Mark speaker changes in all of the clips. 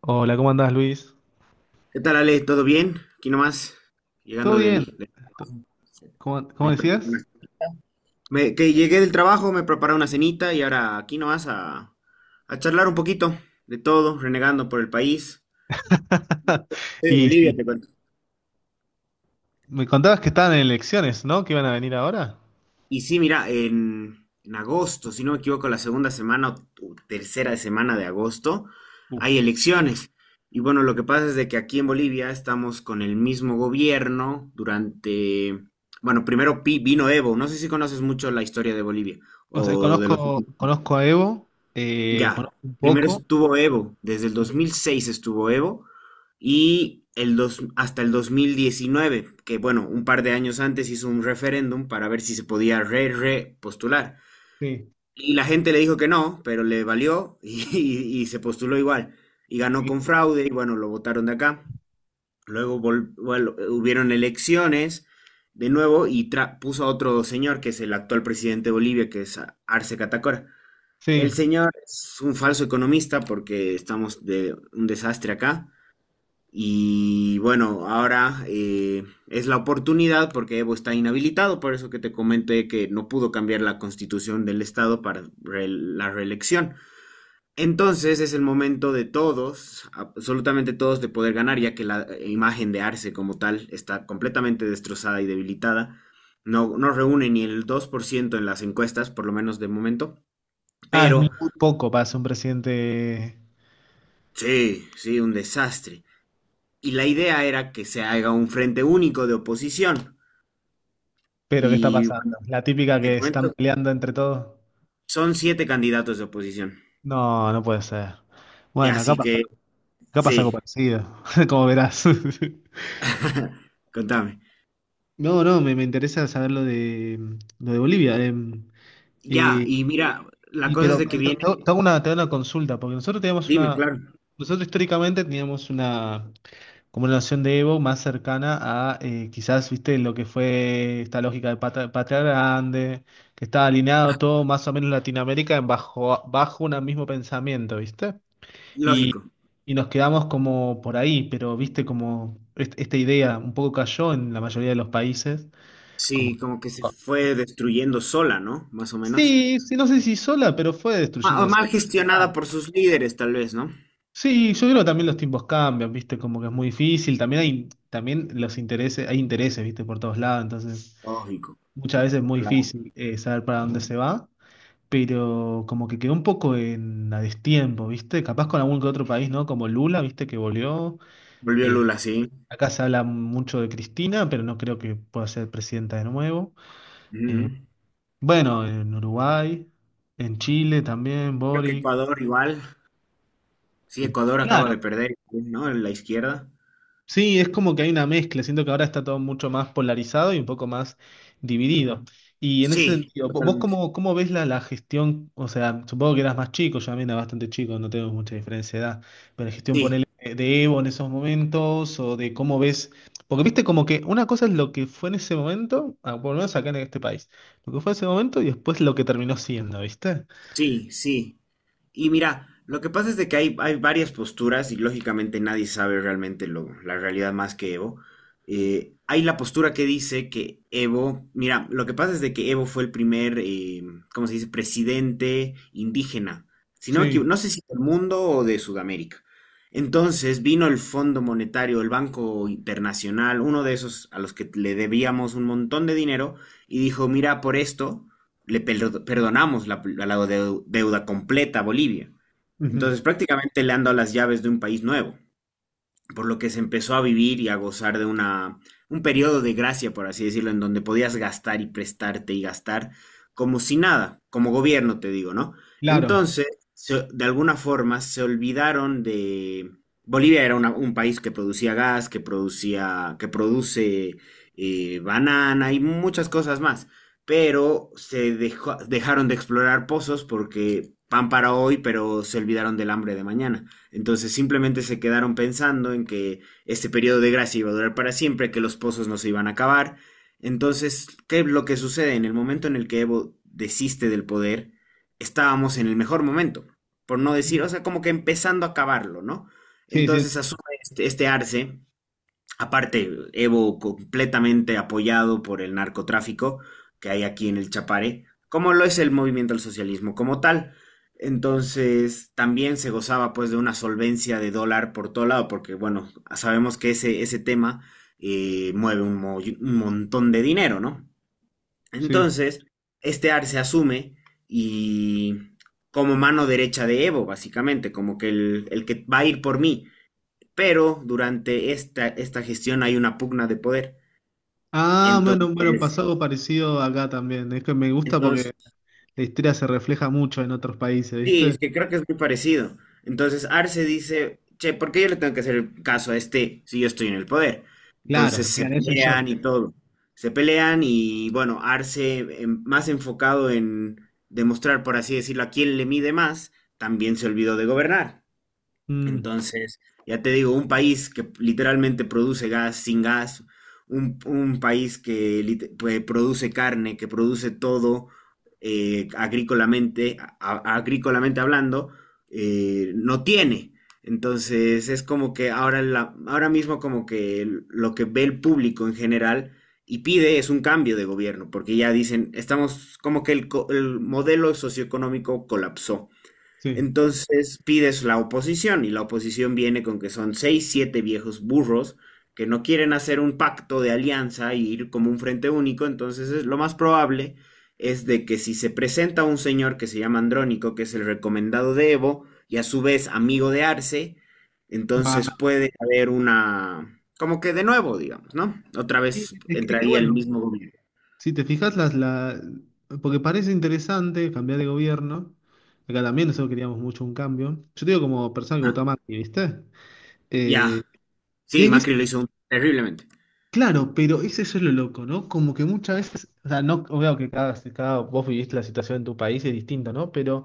Speaker 1: Hola, ¿cómo andás, Luis?
Speaker 2: ¿Qué tal, Ale? ¿Todo bien? Aquí nomás,
Speaker 1: ¿Todo
Speaker 2: llegando
Speaker 1: bien?
Speaker 2: del... de-
Speaker 1: To- ¿cómo
Speaker 2: me pre-
Speaker 1: decías?
Speaker 2: me- que llegué del trabajo, me preparé una cenita y ahora aquí nomás a charlar un poquito de todo, renegando por el país. Sí, de
Speaker 1: Y
Speaker 2: Bolivia,
Speaker 1: sí,
Speaker 2: te cuento.
Speaker 1: me contabas que estaban en elecciones, ¿no? Que iban a venir ahora.
Speaker 2: Y sí, mira, en agosto, si no me equivoco, la segunda semana o tercera semana de agosto, hay
Speaker 1: Uf.
Speaker 2: elecciones. Y bueno, lo que pasa es de que aquí en Bolivia estamos con el mismo gobierno durante, bueno, primero vino Evo, no sé si conoces mucho la historia de Bolivia
Speaker 1: O sea,
Speaker 2: o de los.
Speaker 1: conozco, conozco a Evo,
Speaker 2: Ya,
Speaker 1: conozco un
Speaker 2: primero
Speaker 1: poco.
Speaker 2: estuvo Evo, desde el 2006 estuvo Evo hasta el 2019, que bueno, un par de años antes hizo un referéndum para ver si se podía re postular.
Speaker 1: Sí,
Speaker 2: Y la gente le dijo que no, pero le valió y, se postuló igual. Y ganó
Speaker 1: sí.
Speaker 2: con fraude y bueno, lo votaron de acá. Luego bueno, hubieron elecciones de nuevo y puso a otro señor que es el actual presidente de Bolivia, que es Arce Catacora. El
Speaker 1: Sí.
Speaker 2: señor es un falso economista porque estamos de un desastre acá. Y bueno, ahora es la oportunidad porque Evo está inhabilitado, por eso que te comenté que no pudo cambiar la constitución del estado para la reelección. Entonces es el momento de todos, absolutamente todos, de poder ganar, ya que la imagen de Arce como tal está completamente destrozada y debilitada. No, no reúne ni el 2% en las encuestas, por lo menos de momento.
Speaker 1: Ah, es muy
Speaker 2: Pero
Speaker 1: poco para ser un presidente.
Speaker 2: sí, sí, un desastre. Y la idea era que se haga un frente único de oposición.
Speaker 1: Pero, ¿qué está
Speaker 2: Y bueno,
Speaker 1: pasando? La típica
Speaker 2: te
Speaker 1: que se están
Speaker 2: comento,
Speaker 1: peleando entre todos.
Speaker 2: son siete candidatos de oposición.
Speaker 1: No, no puede ser. Bueno,
Speaker 2: Así que
Speaker 1: acá pasa algo
Speaker 2: sí,
Speaker 1: parecido, como verás.
Speaker 2: contame.
Speaker 1: No, no, me interesa saber lo de, lo de Bolivia.
Speaker 2: Ya,
Speaker 1: Eh,
Speaker 2: y mira, la cosa es
Speaker 1: pero
Speaker 2: de que
Speaker 1: te,
Speaker 2: viene,
Speaker 1: te hago te hago una, te hago una consulta, porque nosotros teníamos
Speaker 2: dime,
Speaker 1: una,
Speaker 2: claro,
Speaker 1: nosotros históricamente teníamos una, como una noción de Evo más cercana a quizás, viste, lo que fue esta lógica de patria, grande, que estaba alineado todo más o menos Latinoamérica en bajo un mismo pensamiento, viste. Y,
Speaker 2: lógico.
Speaker 1: y nos quedamos como por ahí, pero viste como esta idea un poco cayó en la mayoría de los países. Como
Speaker 2: Sí, como que se fue destruyendo sola, ¿no? Más o menos.
Speaker 1: Sí, sí, no sé si sola, pero fue
Speaker 2: O
Speaker 1: destruyéndose.
Speaker 2: mal
Speaker 1: Ah,
Speaker 2: gestionada por sus líderes, tal vez, ¿no?
Speaker 1: sí, yo creo que también los tiempos cambian, ¿viste? Como que es muy difícil. También hay, también los intereses, hay intereses, ¿viste? Por todos lados, entonces
Speaker 2: Lógico,
Speaker 1: muchas veces es muy
Speaker 2: claro.
Speaker 1: difícil saber para dónde se va, pero como que quedó un poco en a destiempo, ¿viste? Capaz con algún que otro país, ¿no? Como Lula, ¿viste? Que volvió.
Speaker 2: Volvió
Speaker 1: Eh,
Speaker 2: Lula, sí.
Speaker 1: acá se habla mucho de Cristina, pero no creo que pueda ser presidenta de nuevo. Eh,
Speaker 2: Ujú.
Speaker 1: bueno, en Uruguay, en Chile también,
Speaker 2: Creo que
Speaker 1: Boric.
Speaker 2: Ecuador igual. Sí, Ecuador acaba
Speaker 1: Claro.
Speaker 2: de perder, ¿no? En la izquierda.
Speaker 1: Sí, es como que hay una mezcla. Siento que ahora está todo mucho más polarizado y un poco más dividido. Y en ese
Speaker 2: Sí,
Speaker 1: sentido, ¿vos
Speaker 2: totalmente.
Speaker 1: cómo, cómo ves la, la gestión? O sea, supongo que eras más chico, yo también era bastante chico, no tengo mucha diferencia de edad, pero la gestión por
Speaker 2: Sí.
Speaker 1: de Evo en esos momentos o de cómo ves, porque viste como que una cosa es lo que fue en ese momento, ah, por lo menos acá en este país, lo que fue en ese momento y después lo que terminó siendo, ¿viste?
Speaker 2: Sí, sí. Y mira, lo que pasa es de que hay varias posturas y lógicamente nadie sabe realmente la realidad más que Evo. Hay la postura que dice que Evo, mira, lo que pasa es de que Evo fue el primer, ¿cómo se dice?, presidente indígena. Si no me
Speaker 1: Sí.
Speaker 2: equivo- no sé si del mundo o de Sudamérica. Entonces vino el Fondo Monetario, el Banco Internacional, uno de esos a los que le debíamos un montón de dinero, y dijo, mira, por esto le perdonamos la deuda completa a Bolivia.
Speaker 1: Ujú.
Speaker 2: Entonces prácticamente le han dado las llaves de un país nuevo por lo que se empezó a vivir y a gozar de un periodo de gracia, por así decirlo, en donde podías gastar y prestarte y gastar como si nada, como gobierno te digo, ¿no?
Speaker 1: Claro.
Speaker 2: Entonces, de alguna forma se olvidaron de. Bolivia era un país que producía gas, que produce banana y muchas cosas más, pero dejaron de explorar pozos porque pan para hoy, pero se olvidaron del hambre de mañana. Entonces simplemente se quedaron pensando en que este periodo de gracia iba a durar para siempre, que los pozos no se iban a acabar. Entonces, ¿qué es lo que sucede? En el momento en el que Evo desiste del poder, estábamos en el mejor momento, por no decir, o sea, como que empezando a acabarlo, ¿no?
Speaker 1: Sí, sí,
Speaker 2: Entonces asume este arce. Aparte, Evo completamente apoyado por el narcotráfico que hay aquí en el Chapare, como lo es el movimiento al socialismo como tal. Entonces, también se gozaba pues de una solvencia de dólar por todo lado, porque bueno, sabemos que ese tema mueve un montón de dinero, ¿no?
Speaker 1: sí.
Speaker 2: Entonces, este AR se asume y como mano derecha de Evo, básicamente, como que el que va a ir por mí pero durante esta gestión hay una pugna de poder.
Speaker 1: Ah, bueno, bueno,
Speaker 2: Entonces,
Speaker 1: pasó algo parecido acá también. Es que me gusta porque
Speaker 2: entonces,
Speaker 1: la historia se refleja mucho en otros países,
Speaker 2: sí,
Speaker 1: ¿viste?
Speaker 2: es que creo que es muy parecido. Entonces Arce dice, che, ¿por qué yo le tengo que hacer el caso a este si yo estoy en el poder?
Speaker 1: Claro,
Speaker 2: Entonces se
Speaker 1: claro, eso soy yo.
Speaker 2: pelean y todo. Se pelean y bueno, Arce más enfocado en demostrar, por así decirlo, a quién le mide más, también se olvidó de gobernar.
Speaker 1: Mm,
Speaker 2: Entonces, ya te digo, un país que literalmente produce gas sin gas, un país que pues, produce carne, que produce todo agrícolamente hablando, no tiene. Entonces, es como que ahora, ahora mismo como que lo que ve el público en general y pide es un cambio de gobierno, porque ya dicen, estamos como que el modelo socioeconómico colapsó.
Speaker 1: sí.
Speaker 2: Entonces pides la oposición y la oposición viene con que son seis, siete viejos burros que no quieren hacer un pacto de alianza y ir como un frente único. Entonces lo más probable es de que si se presenta un señor que se llama Andrónico, que es el recomendado de Evo y a su vez amigo de Arce,
Speaker 1: Va.
Speaker 2: entonces puede haber una, como que de nuevo, digamos, ¿no? Otra
Speaker 1: Y-
Speaker 2: vez
Speaker 1: Es que
Speaker 2: entraría el
Speaker 1: bueno,
Speaker 2: mismo gobierno.
Speaker 1: si te fijas, la... porque parece interesante cambiar de gobierno. Acá también nosotros queríamos mucho un cambio. Yo te digo como persona que
Speaker 2: Ah,
Speaker 1: votó a Macri, ¿viste? Eh,
Speaker 2: ya,
Speaker 1: y hay
Speaker 2: sí,
Speaker 1: veces,
Speaker 2: Macri lo hizo terriblemente.
Speaker 1: claro, pero ese es lo loco, ¿no? Como que muchas veces, o sea, no, veo que cada, cada vos viviste la situación en tu país es distinto, ¿no? Pero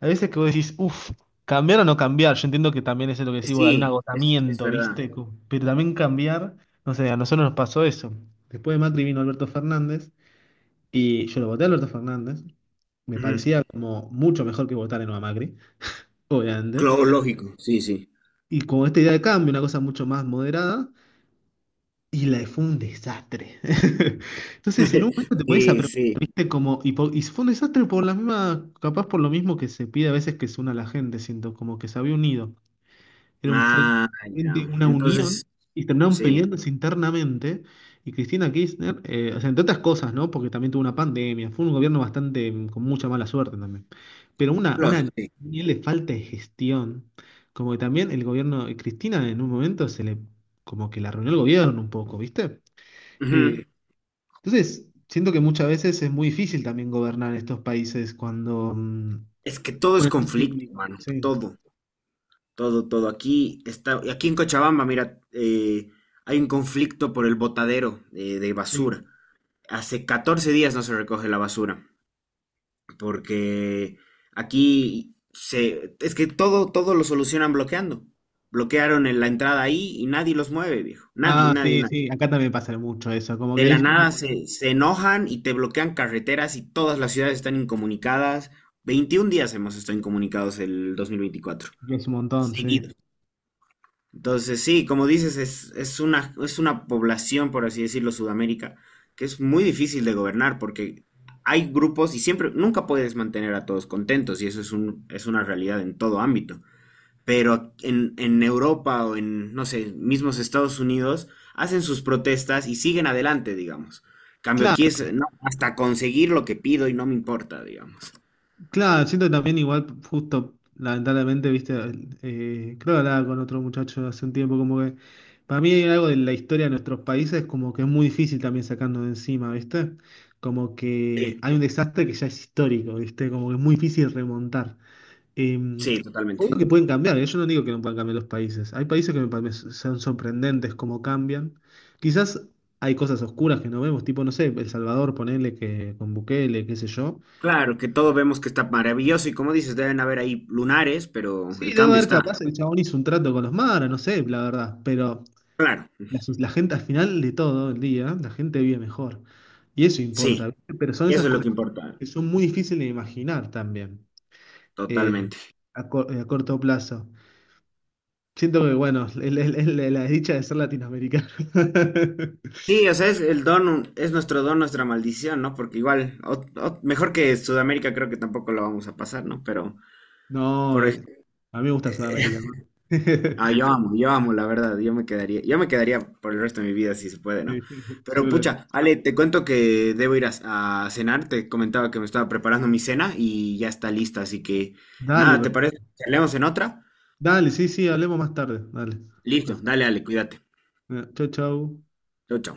Speaker 1: hay veces que vos decís, uff, cambiar o no cambiar. Yo entiendo que también eso es lo que decís, vos, hay un
Speaker 2: Sí, es
Speaker 1: agotamiento,
Speaker 2: verdad.
Speaker 1: ¿viste? Pero también cambiar, no sé, a nosotros nos pasó eso. Después de Macri vino Alberto Fernández y yo lo voté a Alberto Fernández. Me
Speaker 2: Ujú.
Speaker 1: parecía como mucho mejor que votar en a Macri, obviamente.
Speaker 2: Claro, lógico, sí, sí.
Speaker 1: Y con esta idea de cambio, una cosa mucho más moderada, y la fue un desastre. Entonces, en un momento te pones a
Speaker 2: Sí,
Speaker 1: preguntar,
Speaker 2: sí.
Speaker 1: ¿viste? Como, y fue un desastre por la misma, capaz por lo mismo que se pide a veces que se una la gente, siento, como que se había unido. Era un frente,
Speaker 2: Ah, ya.
Speaker 1: una
Speaker 2: Entonces,
Speaker 1: unión y terminaron
Speaker 2: sí,
Speaker 1: peleándose internamente. Y Cristina Kirchner, o sea, entre otras cosas, ¿no? Porque también tuvo una pandemia, fue un gobierno bastante con mucha mala suerte también. Pero
Speaker 2: lógico,
Speaker 1: una
Speaker 2: sí.
Speaker 1: nivel de falta de gestión, como que también el gobierno de Cristina en un momento se le, como que la arruinó el gobierno un poco, ¿viste?
Speaker 2: Ujú.
Speaker 1: Eh, entonces, siento que muchas veces es muy difícil también gobernar estos países cuando...
Speaker 2: Es que todo es
Speaker 1: bueno, frente
Speaker 2: conflicto,
Speaker 1: único,
Speaker 2: hermano.
Speaker 1: sí,
Speaker 2: Todo, todo, todo. Aquí está, aquí en Cochabamba, mira, hay un conflicto por el botadero de
Speaker 1: sí.
Speaker 2: basura. Hace 14 días no se recoge la basura, porque aquí es que todo, todo lo solucionan bloqueando. Bloquearon en la entrada ahí y nadie los mueve, viejo. Nadie,
Speaker 1: Ah,
Speaker 2: nadie,
Speaker 1: sí,
Speaker 2: nadie.
Speaker 1: sí, acá también pasa mucho eso, como
Speaker 2: De
Speaker 1: que
Speaker 2: la
Speaker 1: Discord
Speaker 2: nada se enojan y te bloquean carreteras y todas las ciudades están incomunicadas. 21 días hemos estado incomunicados el 2024,
Speaker 1: es un montón, sí.
Speaker 2: seguidos. Entonces, sí, como dices, es una población, por así decirlo, Sudamérica, que es muy difícil de gobernar porque hay grupos y siempre, nunca puedes mantener a todos contentos y eso es es una realidad en todo ámbito pero en Europa o en, no sé, mismos Estados Unidos, hacen sus protestas y siguen adelante, digamos. Cambio aquí
Speaker 1: Claro,
Speaker 2: es, no, hasta conseguir lo que pido y no me importa, digamos.
Speaker 1: claro, siento también igual, justo, lamentablemente, viste, creo que hablaba con otro muchacho hace un tiempo, como que para mí hay algo de la historia de nuestros países, como que es muy difícil también sacarnos de encima, viste, como que
Speaker 2: Sí,
Speaker 1: hay un desastre que ya es histórico, viste, como que es muy difícil remontar. Eh,
Speaker 2: sí, totalmente.
Speaker 1: obvio que pueden cambiar, ¿eh? Yo no digo que no puedan cambiar los países. Hay países que me parecen son sorprendentes cómo cambian. Quizás hay cosas oscuras que no vemos, tipo, no sé, El Salvador, ponele que con Bukele, qué sé yo.
Speaker 2: Claro, que todos vemos que está maravilloso y como dices, deben haber ahí lunares, pero
Speaker 1: Sí,
Speaker 2: el
Speaker 1: debe
Speaker 2: cambio
Speaker 1: haber
Speaker 2: está.
Speaker 1: capaz, el chabón hizo un trato con los maras, no sé, la verdad. Pero
Speaker 2: Claro,
Speaker 1: la gente al final de todo el día, la gente vive mejor. Y eso
Speaker 2: sí,
Speaker 1: importa, ¿viste? Pero son
Speaker 2: eso
Speaker 1: esas
Speaker 2: es lo que
Speaker 1: cosas
Speaker 2: importa,
Speaker 1: que son muy difíciles de imaginar también, eh,
Speaker 2: totalmente.
Speaker 1: a corto plazo. Siento que, bueno, es la la desdicha de ser latinoamericano.
Speaker 2: Sí, o sea, es el don, es nuestro don, nuestra maldición, ¿no? Porque igual, mejor que Sudamérica creo que tampoco lo vamos a pasar, ¿no? Pero,
Speaker 1: No,
Speaker 2: pero
Speaker 1: a mí me gusta Sudamérica. ¿No?
Speaker 2: Ah, yo amo, la verdad, yo me quedaría por el resto de mi vida si se puede, ¿no?
Speaker 1: Sí, yo
Speaker 2: Pero
Speaker 1: creo-
Speaker 2: pucha, Ale, te cuento que debo ir a cenar, te comentaba que me estaba preparando mi cena y ya está lista, así que
Speaker 1: Dale,
Speaker 2: nada, ¿te parece? ¿Leemos en otra?
Speaker 1: dale, sí, sí, hablemos más tarde. Dale.
Speaker 2: Listo,
Speaker 1: Perfecto.
Speaker 2: dale, Ale, cuídate.
Speaker 1: Chau, chau.
Speaker 2: Chau, chau.